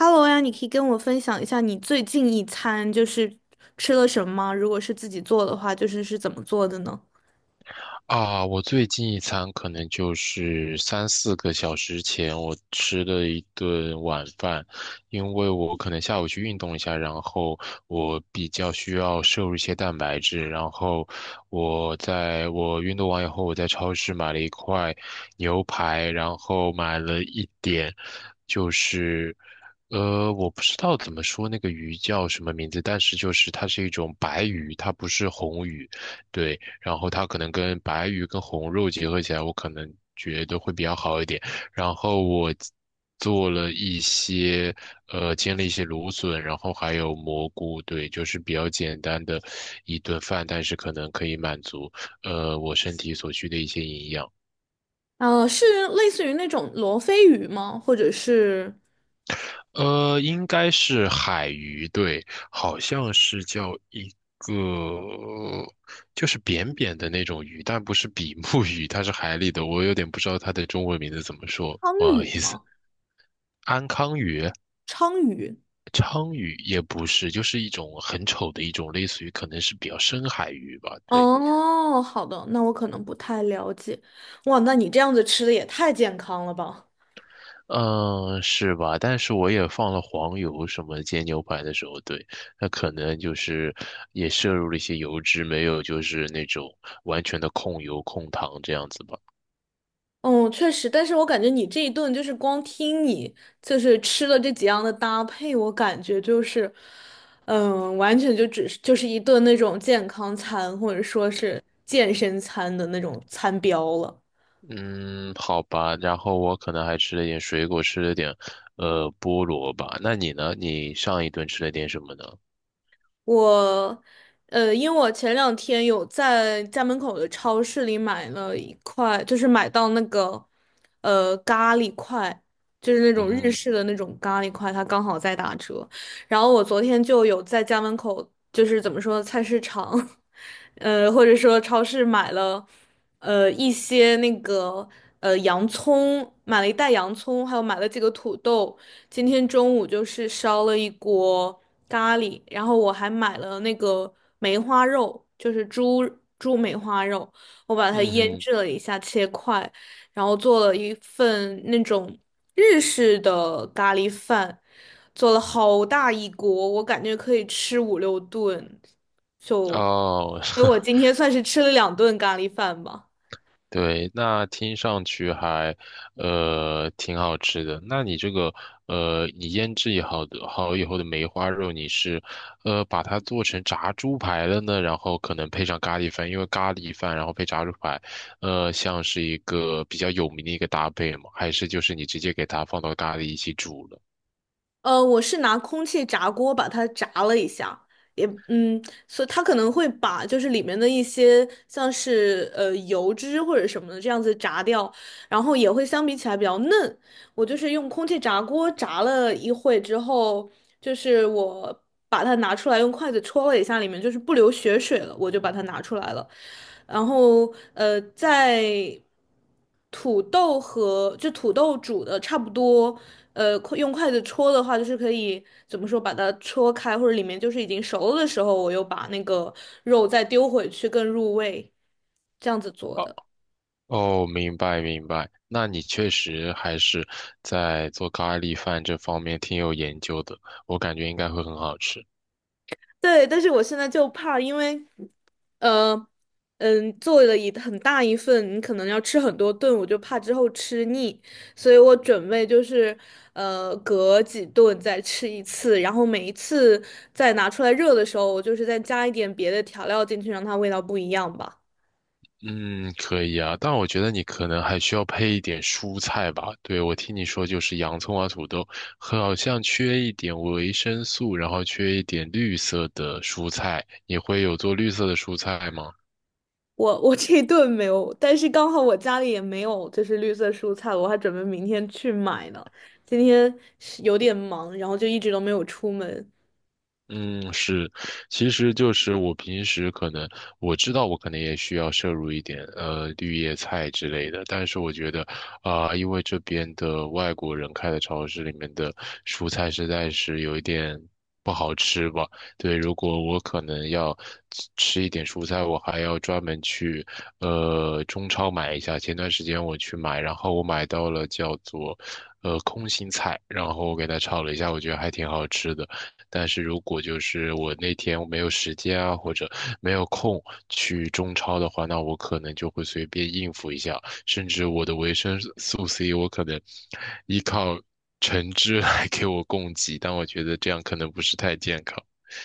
Hello 呀，你可以跟我分享一下你最近一餐就是吃了什么吗？如果是自己做的话，就是是怎么做的呢？啊，我最近一餐可能就是三四个小时前，我吃的一顿晚饭，因为我可能下午去运动一下，然后我比较需要摄入一些蛋白质，然后我运动完以后，我在超市买了一块牛排，然后买了一点，就是。我不知道怎么说那个鱼叫什么名字，但是就是它是一种白鱼，它不是红鱼，对。然后它可能跟白鱼跟红肉结合起来，我可能觉得会比较好一点。然后我做了一些煎了一些芦笋，然后还有蘑菇，对，就是比较简单的一顿饭，但是可能可以满足我身体所需的一些营养。是类似于那种罗非鱼吗？或者是应该是海鱼，对，好像是叫一个，就是扁扁的那种鱼，但不是比目鱼，它是海里的，我有点不知道它的中文名字怎么说，鲳不好意鱼思。吗？安康鱼、鲳鱼。鲳鱼也不是，就是一种很丑的一种，类似于可能是比较深海鱼吧，对。哦，好的，那我可能不太了解。哇，那你这样子吃的也太健康了吧？嗯，是吧？但是我也放了黄油，什么煎牛排的时候，对，那可能就是也摄入了一些油脂，没有就是那种完全的控油控糖这样子吧。嗯，确实，但是我感觉你这一顿就是光听你就是吃了这几样的搭配，我感觉就是，完全就只是就是一顿那种健康餐或者说是健身餐的那种餐标了。嗯，好吧。然后我可能还吃了点水果，吃了点菠萝吧。那你呢？你上一顿吃了点什么呢？我，因为我前两天有在家门口的超市里买了一块，就是买到那个，咖喱块，就是那嗯种日哼，式的那种咖喱块，它刚好在打折。然后我昨天就有在家门口，就是怎么说，菜市场，或者说超市买了，一些那个，洋葱，买了一袋洋葱，还有买了几个土豆。今天中午就是烧了一锅。咖喱，然后我还买了那个梅花肉，就是猪梅花肉，我把它腌嗯制了一下，切块，然后做了一份那种日式的咖喱饭，做了好大一锅，我感觉可以吃五六顿，就，哼，哦。所以我今 天算是吃了2顿咖喱饭吧。对，那听上去还，挺好吃的。那你这个，你腌制也好的好以后的梅花肉，你是，把它做成炸猪排了呢，然后可能配上咖喱饭，因为咖喱饭然后配炸猪排，像是一个比较有名的一个搭配嘛，还是就是你直接给它放到咖喱一起煮了？我是拿空气炸锅把它炸了一下，也所以它可能会把就是里面的一些像是油脂或者什么的这样子炸掉，然后也会相比起来比较嫩，我就是用空气炸锅炸了一会之后，就是我把它拿出来，用筷子戳了一下，里面就是不流血水了，我就把它拿出来了。然后在土豆就土豆煮的差不多，快用筷子戳的话，就是可以怎么说把它戳开，或者里面就是已经熟了的时候，我又把那个肉再丢回去更入味，这样子做哦，的。哦，明白，那你确实还是在做咖喱饭这方面挺有研究的，我感觉应该会很好吃。对，但是我现在就怕，因为呃，做了一很大一份，你可能要吃很多顿，我就怕之后吃腻，所以我准备就是隔几顿再吃一次，然后每一次再拿出来热的时候，我就是再加一点别的调料进去，让它味道不一样吧。嗯，可以啊，但我觉得你可能还需要配一点蔬菜吧。对，我听你说就是洋葱啊、土豆，好像缺一点维生素，然后缺一点绿色的蔬菜。你会有做绿色的蔬菜吗？我这一顿没有，但是刚好我家里也没有就是绿色蔬菜，我还准备明天去买呢。今天是有点忙，然后就一直都没有出门。嗯，是，其实就是我平时可能我知道我可能也需要摄入一点绿叶菜之类的，但是我觉得啊、因为这边的外国人开的超市里面的蔬菜实在是有一点不好吃吧。对，如果我可能要吃一点蔬菜，我还要专门去中超买一下。前段时间我去买，然后我买到了叫做空心菜，然后我给它炒了一下，我觉得还挺好吃的。但是如果就是我那天我没有时间啊，或者没有空去中超的话，那我可能就会随便应付一下，甚至我的维生素 C 我可能依靠橙汁来给我供给，但我觉得这样可能不是太健康。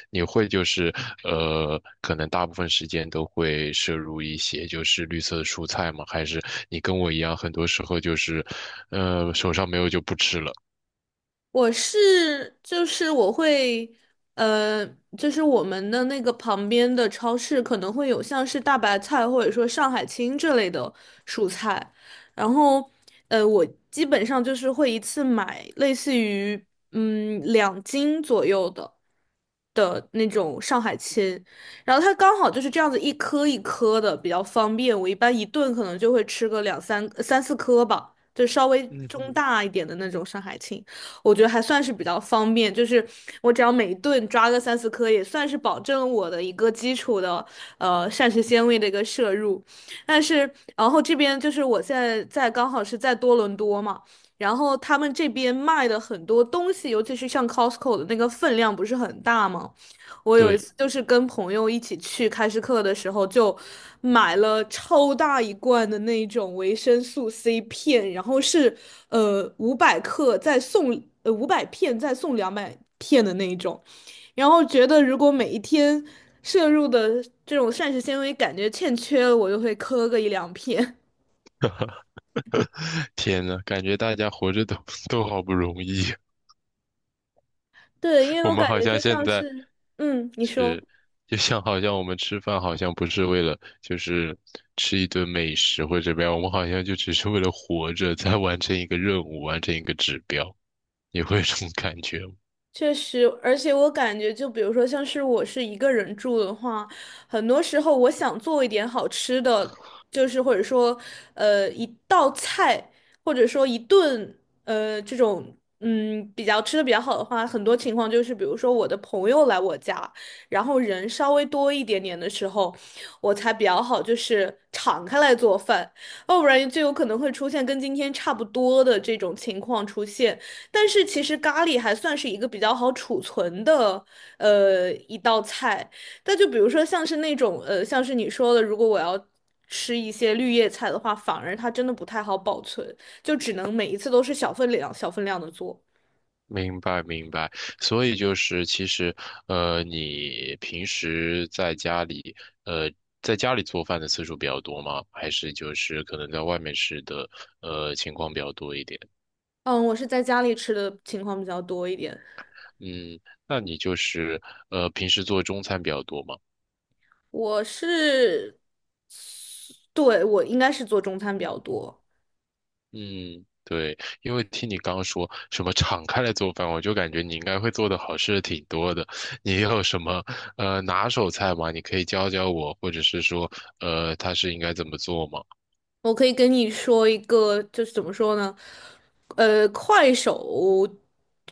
你会就是可能大部分时间都会摄入一些就是绿色的蔬菜吗？还是你跟我一样，很多时候就是，手上没有就不吃了？我是就是我会，呃，就是我们的那个旁边的超市可能会有像是大白菜或者说上海青这类的蔬菜，然后，我基本上就是会一次买类似于2斤左右的那种上海青，然后它刚好就是这样子一颗一颗的，比较方便。我一般一顿可能就会吃个三四颗吧，就稍微中大一点的那种上海青。我觉得还算是比较方便，就是我只要每一顿抓个三四颗，也算是保证我的一个基础的膳食纤维的一个摄入。但是然后这边就是我现在在刚好是在多伦多嘛。然后他们这边卖的很多东西，尤其是像 Costco 的那个分量不是很大吗？我有一对，次就是跟朋友一起去开市客的时候，就买了超大一罐的那种维生素 C 片，然后是500克再送500片再送200片的那一种，然后觉得如果每一天摄入的这种膳食纤维感觉欠缺了，我就会磕个一两片。天呐，感觉大家活着都 都好不容易，对，因 为我我们感好觉像就现像在是，嗯，你说。是，就像好像我们吃饭好像不是为了就是吃一顿美食或者怎么样，我们好像就只是为了活着，在完成一个任务，完成一个指标，你会有这种感觉吗？确实，而且我感觉，就比如说，像是我是一个人住的话，很多时候我想做一点好吃的，就是或者说，一道菜，或者说一顿，这种，比较吃的比较好的话，很多情况就是，比如说我的朋友来我家，然后人稍微多一点点的时候，我才比较好，就是敞开来做饭，要不然就有可能会出现跟今天差不多的这种情况出现。但是其实咖喱还算是一个比较好储存的一道菜。但就比如说像是那种像是你说的，如果我要吃一些绿叶菜的话，反而它真的不太好保存，就只能每一次都是小分量、小分量的做。明白，所以就是其实，你平时在家里，呃，在家里做饭的次数比较多吗？还是就是可能在外面吃的，情况比较多一点？嗯，我是在家里吃的情况比较多一点。嗯，那你就是平时做中餐比较多吗？我是，对，我应该是做中餐比较多。嗯，对，因为听你刚刚说什么敞开来做饭，我就感觉你应该会做的好吃的挺多的。你有什么拿手菜吗？你可以教我，或者是说，它是应该怎么做吗？我可以跟你说一个，就是怎么说呢？呃，快手，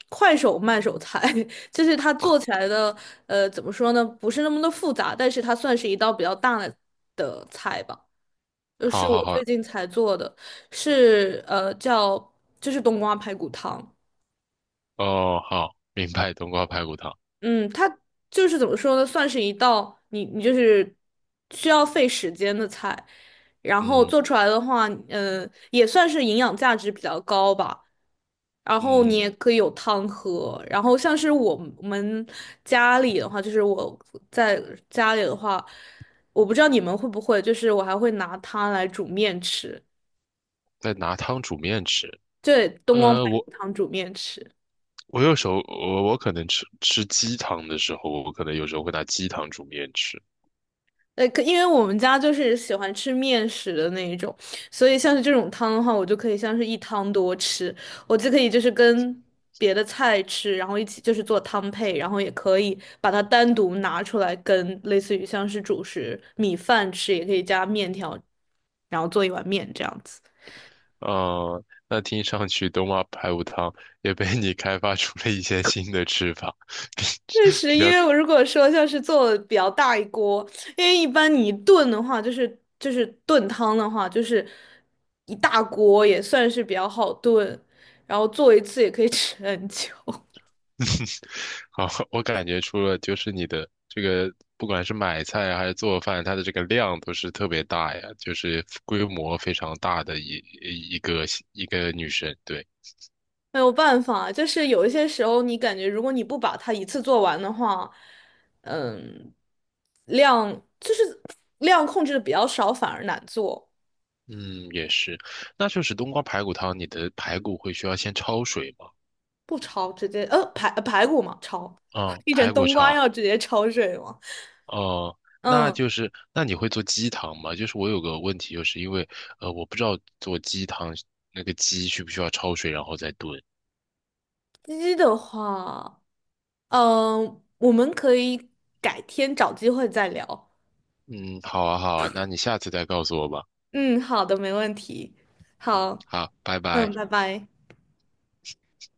快手慢手菜，就是它做起来的，怎么说呢？不是那么的复杂，但是它算是一道比较大的菜吧。就是好我好最好，近才做的，是叫就是冬瓜排骨汤。哦，好，明白，冬瓜排骨汤。嗯，它就是怎么说呢，算是一道你就是需要费时间的菜，然后嗯做出来的话，嗯，也算是营养价值比较高吧。然后你嗯，也可以有汤喝，然后像是我们家里的话，就是我在家里的话，我不知道你们会不会，就是我还会拿它来煮面吃，再拿汤煮面吃。对，冬瓜呃，排我骨汤煮面吃。我有时候我可能吃鸡汤的时候，我可能有时候会拿鸡汤煮面吃。可因为我们家就是喜欢吃面食的那一种，所以像是这种汤的话，我就可以像是一汤多吃，我就可以就是跟别的菜吃，然后一起就是做汤配，然后也可以把它单独拿出来跟类似于像是主食米饭吃，也可以加面条，然后做一碗面这样子。那听上去冬瓜排骨汤也被你开发出了一些新的吃法，比确实，比因较 为我如果说像是做比较大一锅，因为一般你炖的话，就是炖汤的话，就是一大锅也算是比较好炖，然后做一次也可以 吃很久。好，我感觉出了，就是你的这个，不管是买菜啊还是做饭，它的这个量都是特别大呀，就是规模非常大的一个一个女生。对，没有办法，就是有一些时候你感觉如果你不把它一次做完的话，嗯，量就是量控制的比较少，反而难做。嗯，也是。那就是冬瓜排骨汤，你的排骨会需要先焯水吗？不焯直接排骨嘛焯，嗯，一整排骨冬瓜焯。要直接焯水嘛，哦、那嗯。就是那你会做鸡汤吗？就是我有个问题，就是因为我不知道做鸡汤那个鸡需不需要焯水然后再炖。鸡的话，嗯，我们可以改天找机会再聊。嗯，好啊，好啊，那你下次再告诉我吧。嗯，好的，没问题。嗯，好，好，拜拜。嗯，拜拜。